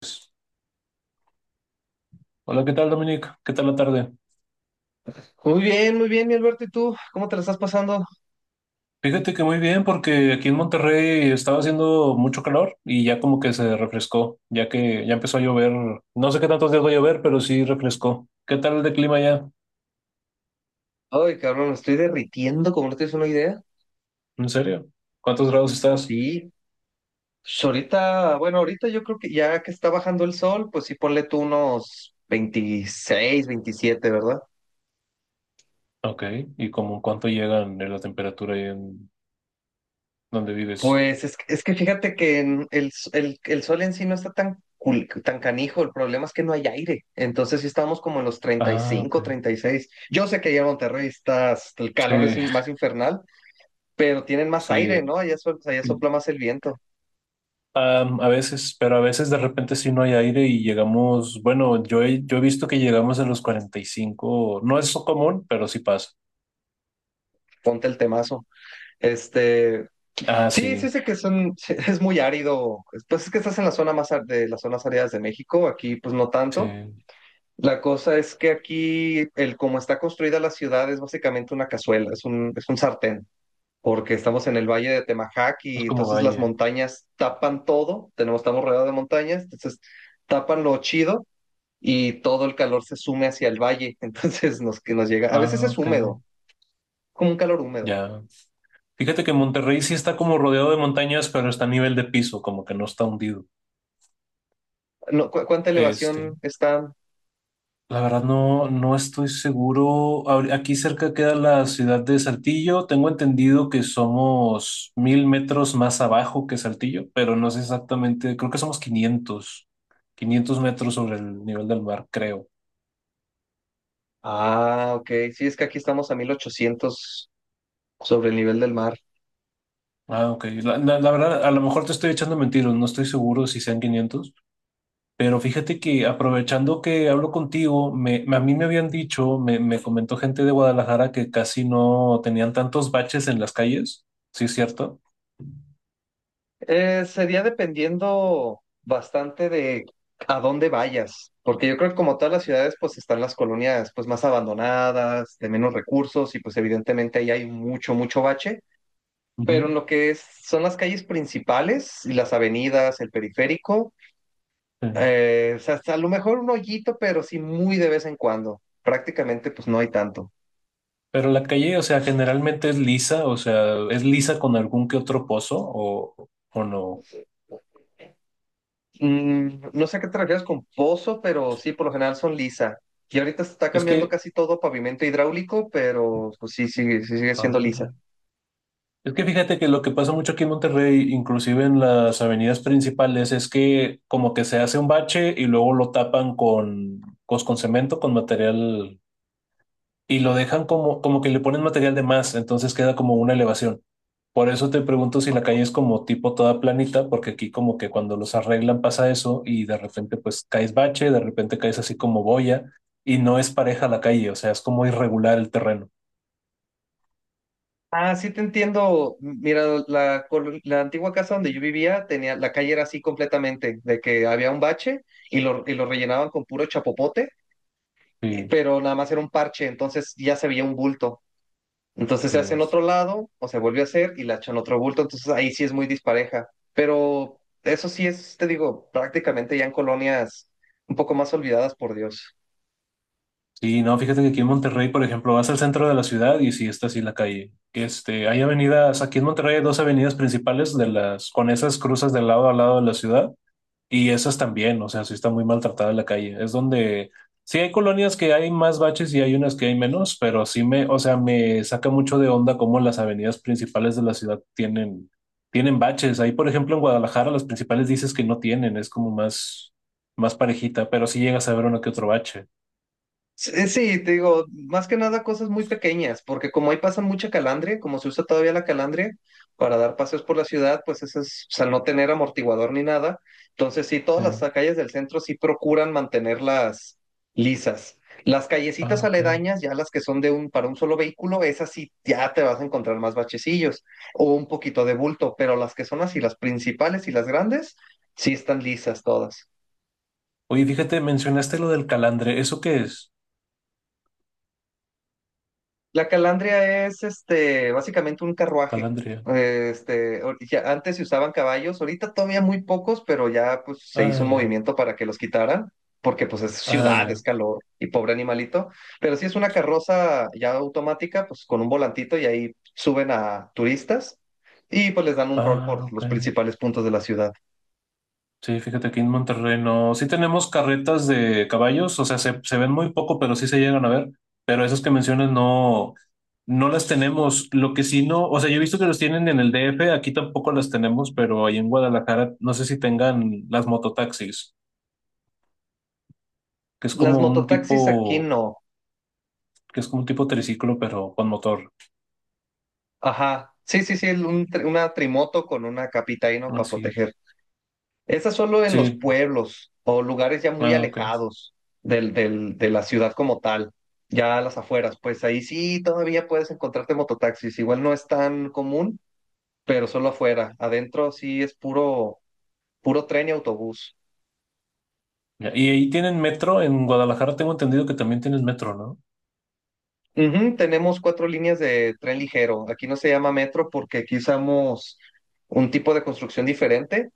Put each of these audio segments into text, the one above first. Pues, Hola, ¿qué tal, Dominic? ¿Qué tal la tarde? Muy bien, mi Alberto, ¿y tú? ¿Cómo te la estás pasando? Fíjate que muy bien, porque aquí en Monterrey estaba haciendo mucho calor y ya como que se refrescó, ya que ya empezó a llover. No sé qué tantos días va a llover, pero sí refrescó. ¿Qué tal de clima ya? Ay, cabrón, me estoy derritiendo, como no tienes una idea. ¿En serio? ¿Cuántos grados estás? Sí. Pues ahorita, bueno, ahorita yo creo que ya que está bajando el sol, pues sí, ponle tú unos 26 27, ¿verdad? Ok, ¿y como cuánto llegan de la temperatura ahí en donde vives? Pues es que fíjate que en el, s- el sol en sí no está tan canijo, el problema es que no hay aire, entonces sí estamos como en los 30, treinta y Ah, cinco ok. 36. Yo sé que allá en Monterrey está, el Sí, calor es más infernal, pero tienen más aire, sí. ¿no? Allá, allá sopla más el viento. A veces, pero a veces de repente sí no hay aire y llegamos, bueno, yo he visto que llegamos a los 45. No es común, pero sí pasa. Ponte el temazo. Este, Ah, sí, sí, sí, sé que son, sí, es muy árido. Pues es que estás en la zona más de las zonas áridas de México, aquí pues no sí, tanto. es La cosa es que aquí, el como está construida la ciudad, es básicamente una cazuela, es un sartén, porque estamos en el valle de Temajac y como entonces las valle. montañas tapan todo, tenemos, estamos rodeados de montañas, entonces tapan lo chido y todo el calor se sume hacia el valle, entonces nos, que nos llega, a veces Ah, es ok, húmedo, como un calor húmedo. ya. Fíjate que Monterrey sí está como rodeado de montañas, pero está a nivel de piso, como que no está hundido. No, ¿cuánta Este, elevación está? La verdad no, no estoy seguro. Aquí cerca queda la ciudad de Saltillo. Tengo entendido que somos 1000 metros más abajo que Saltillo, pero no sé exactamente. Creo que somos 500 500 metros sobre el nivel del mar, creo. Ah, ok. Sí, es que aquí estamos a 1,800 sobre el nivel del mar. Ah, ok. La verdad, a lo mejor te estoy echando mentiras. No estoy seguro si sean 500. Pero fíjate que aprovechando que hablo contigo, a mí me habían dicho, me comentó gente de Guadalajara que casi no tenían tantos baches en las calles. ¿Sí es cierto? Sería dependiendo bastante de a dónde vayas, porque yo creo que como todas las ciudades, pues están las colonias pues más abandonadas, de menos recursos y pues evidentemente ahí hay mucho, mucho bache, pero en Ujú. lo que son las calles principales y las avenidas, el periférico, Sí. O sea, hasta a lo mejor un hoyito, pero sí muy de vez en cuando. Prácticamente pues no hay tanto. Pero la calle, o sea, generalmente es lisa, o sea, es lisa con algún que otro pozo o no. No sé a qué te refieres con pozo, pero sí, por lo general son lisa. Y ahorita se está Es cambiando que, casi todo a pavimento hidráulico, pero pues sí, sí, sí sigue siendo ah, lisa. es que fíjate que lo que pasa mucho aquí en Monterrey, inclusive en las avenidas principales, es que como que se hace un bache y luego lo tapan con, pues, con cemento, con material y lo dejan como, como que le ponen material de más, entonces queda como una elevación. Por eso te pregunto si la calle es como tipo toda planita, porque aquí como que cuando los arreglan pasa eso y de repente pues caes bache, de repente caes así como boya y no es pareja la calle, o sea, es como irregular el terreno. Ah, sí te entiendo. Mira, la antigua casa donde yo vivía, tenía, la calle era así completamente, de que había un bache y lo rellenaban con puro chapopote, Sí, pero nada más era un parche, entonces ya se veía un bulto. Entonces se hace en sí. otro lado o se vuelve a hacer y la echa en otro bulto. Entonces ahí sí es muy dispareja. Pero eso sí es, te digo, prácticamente ya en colonias un poco más olvidadas por Dios. Sí, no, fíjate que aquí en Monterrey, por ejemplo, vas al centro de la ciudad y sí está así la calle. Este, hay avenidas, aquí en Monterrey hay 2 avenidas principales de las, con esas cruzas de lado a lado de la ciudad. Y esas también, o sea, sí está muy maltratada la calle. Es donde sí hay colonias que hay más baches y hay unas que hay menos, pero sí me, o sea, me saca mucho de onda cómo las avenidas principales de la ciudad tienen, tienen baches. Ahí, por ejemplo, en Guadalajara, las principales dices que no tienen, es como más, más parejita, pero sí llegas a ver uno que otro bache. Sí, sí, te digo, más que nada cosas muy pequeñas, porque como ahí pasa mucha calandria, como se usa todavía la calandria para dar paseos por la ciudad, pues eso es, o sea, al no tener amortiguador ni nada, entonces sí, todas Sí. las calles del centro sí procuran mantenerlas lisas. Las Ah, callecitas ok. aledañas, ya las que son de un, para un solo vehículo, esas sí ya te vas a encontrar más bachecillos o un poquito de bulto, pero las que son así, las principales y las grandes, sí están lisas todas. Oye, fíjate, mencionaste lo del calandre. ¿Eso qué es? La calandria es básicamente un carruaje. Calandria. Ya antes se usaban caballos, ahorita todavía muy pocos, pero ya pues, se Ah, hizo un ya. movimiento para que los quitaran, porque pues es Ah, ciudad, ya. es calor y pobre animalito. Pero sí es una carroza ya automática, pues con un volantito y ahí suben a turistas y pues les dan un rol Ah, por ok. los principales puntos de la ciudad. Sí, fíjate que en Monterrey no. Sí tenemos carretas de caballos, o sea, se ven muy poco, pero sí se llegan a ver. Pero esas que mencionas no, no las tenemos. Lo que sí no, o sea, yo he visto que los tienen en el DF, aquí tampoco las tenemos, pero ahí en Guadalajara no sé si tengan las mototaxis, que es Las como un mototaxis aquí tipo, no. que es como un tipo triciclo, pero con motor. Ajá. Sí, sí, sí, una trimoto con una capita ahí, ¿no? Para Así. proteger. Esa solo en los Sí. pueblos o lugares ya muy Ah, ok. alejados de la ciudad como tal, ya a las afueras, pues ahí sí todavía puedes encontrarte mototaxis. Igual no es tan común, pero solo afuera. Adentro sí es puro, puro tren y autobús. Ya, y ahí tienen metro. En Guadalajara tengo entendido que también tienes metro, ¿no? Ujú, tenemos cuatro líneas de tren ligero. Aquí no se llama metro porque aquí usamos un tipo de construcción diferente.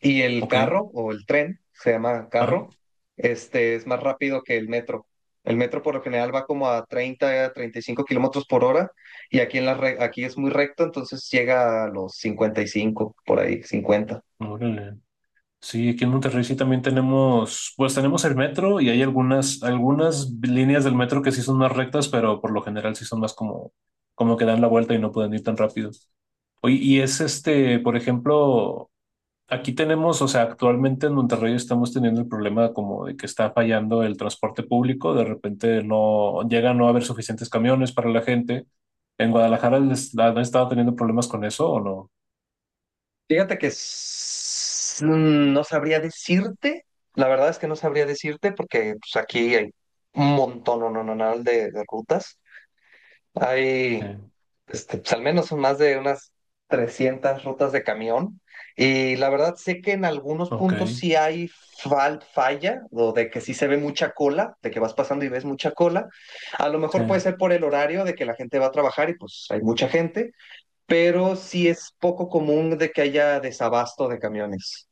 Y el Ok. carro o el tren, se llama Ah, carro. Este es más rápido que el metro. El metro por lo general va como a 30 a 35 kilómetros por hora y aquí, en la aquí es muy recto, entonces llega a los 55 por ahí, 50. órale. Sí, aquí en Monterrey sí también tenemos, pues tenemos el metro y hay algunas, algunas líneas del metro que sí son más rectas, pero por lo general sí son más como, como que dan la vuelta y no pueden ir tan rápido. Oye, y es Y este, por ejemplo, aquí tenemos, o sea, actualmente en Monterrey estamos teniendo el problema como de que está fallando el transporte público, de repente no llega a no haber suficientes camiones para la gente. ¿En Guadalajara han estado teniendo problemas con eso o no? Fíjate que no sabría decirte, la verdad es que no sabría decirte porque pues, aquí hay un montón, no, no, no, no, de rutas. Hay Eh, pues al menos son más de unas 300 rutas de camión. Y la verdad sé que en algunos ok, puntos sí hay falla, o de que sí se ve mucha cola, de que vas pasando y ves mucha cola. A lo sí. mejor puede ser por el horario de que la gente va a trabajar y pues hay mucha gente, pero sí es poco común de que haya desabasto de camiones.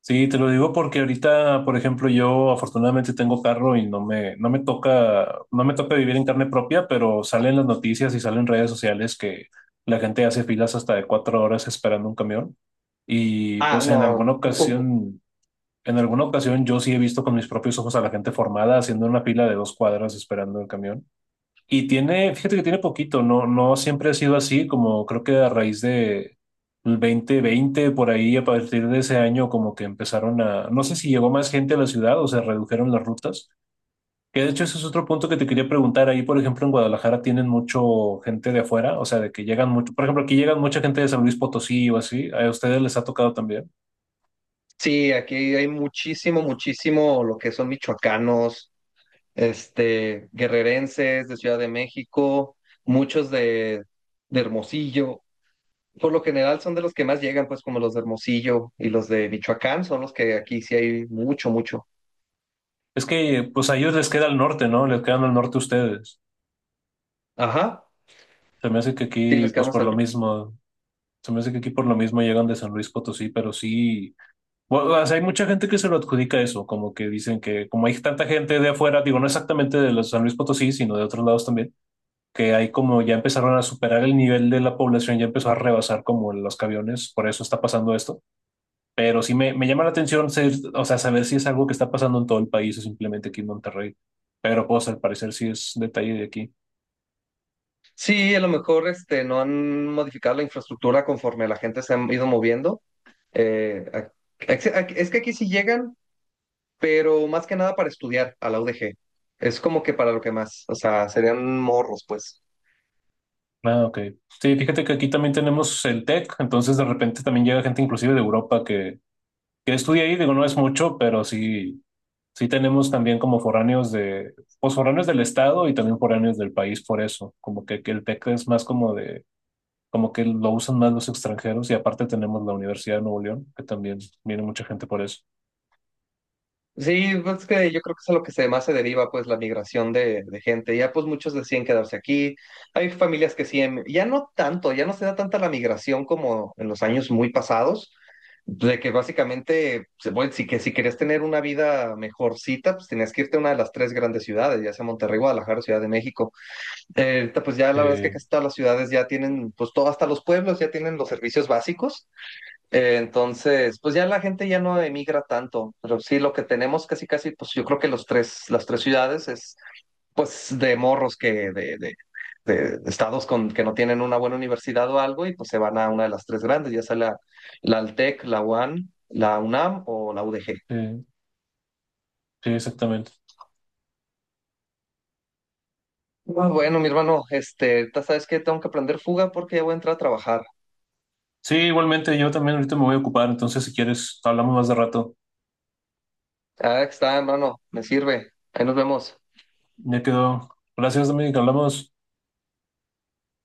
Sí, te lo digo porque ahorita, por ejemplo, yo afortunadamente tengo carro y no me toca, no me toca vivir en carne propia, pero salen las noticias y salen redes sociales que la gente hace filas hasta de 4 horas esperando un camión. Y Ah, pues en alguna no. ocasión, en alguna ocasión yo sí he visto con mis propios ojos a la gente formada haciendo una fila de 2 cuadras esperando el camión. Y tiene, fíjate que tiene poquito, no, no siempre ha sido así, como creo que a raíz de el 2020 por ahí, a partir de ese año, como que empezaron a, no sé si llegó más gente a la ciudad o se redujeron las rutas, que de hecho ese es otro punto que te quería preguntar, ahí por ejemplo en Guadalajara tienen mucho gente de afuera, o sea, de que llegan mucho, por ejemplo, aquí llegan mucha gente de San Luis Potosí o así, a ustedes les ha tocado también. Sí, aquí hay muchísimo, muchísimo lo que son michoacanos, guerrerenses de Ciudad de México, muchos de Hermosillo. Por lo general son de los que más llegan, pues como los de Hermosillo y los de Michoacán, son los que aquí sí hay mucho, mucho. Es que pues a ellos les queda el norte, ¿no? Les quedan al norte ustedes. Ajá, Se me hace que sí, aquí, les pues quedamos por lo al... mismo. Se me hace que aquí por lo mismo llegan de San Luis Potosí, pero sí, bueno, o sea, hay mucha gente que se lo adjudica eso, como que dicen que como hay tanta gente de afuera, digo, no exactamente de los San Luis Potosí, sino de otros lados también, que hay como ya empezaron a superar el nivel de la población, ya empezó a rebasar como los camiones, por eso está pasando esto. Pero sí me llama la atención, o sea, saber si es algo que está pasando en todo el país o simplemente aquí en Monterrey. Pero pues al parecer sí es detalle de aquí. Sí, a lo mejor no han modificado la infraestructura conforme la gente se ha ido moviendo. Eh, ac- es que aquí sí llegan, pero más que nada para estudiar a la UDG. Es como que para lo que más, o sea, serían morros, pues. Ah, ok. Sí, fíjate que aquí también tenemos el TEC, entonces de repente también llega gente inclusive de Europa que estudia ahí, digo, no es mucho, pero sí, sí tenemos también como foráneos de, pues foráneos del estado y también foráneos del país por eso, como que el TEC es más como de, como que lo usan más los extranjeros y aparte tenemos la Universidad de Nuevo León, que también viene mucha gente por eso. Sí, pues es que yo creo que es a lo que se más se deriva, pues, la migración de gente. Ya, pues, muchos decían quedarse aquí. Hay familias que sí, ya no tanto, ya no se da tanta la migración como en los años muy pasados, de que básicamente, bueno, que si querías tener una vida mejorcita, pues tenías que irte a una de las tres grandes ciudades, ya sea Monterrey, Guadalajara, Ciudad de México. Ahorita, pues ya la verdad es que Eh, casi todas las ciudades ya tienen, pues todo, hasta los pueblos ya tienen los servicios básicos. Entonces, pues ya la gente ya no emigra tanto, pero sí lo que tenemos casi casi, pues yo creo que los tres, las tres ciudades es pues de morros que de estados con que no tienen una buena universidad o algo y pues se van a una de las tres grandes, ya sea la Altec, la UAN, la UNAM o la UDG. eh, sí, exactamente. Ah, bueno, mi hermano, ahorita sabes que tengo que aprender fuga porque ya voy a entrar a trabajar. Sí, igualmente, yo también ahorita me voy a ocupar, entonces si quieres, hablamos más de rato. Ah, está, hermano, me sirve. Ahí nos vemos. Ya quedó. Gracias, Dominic, hablamos.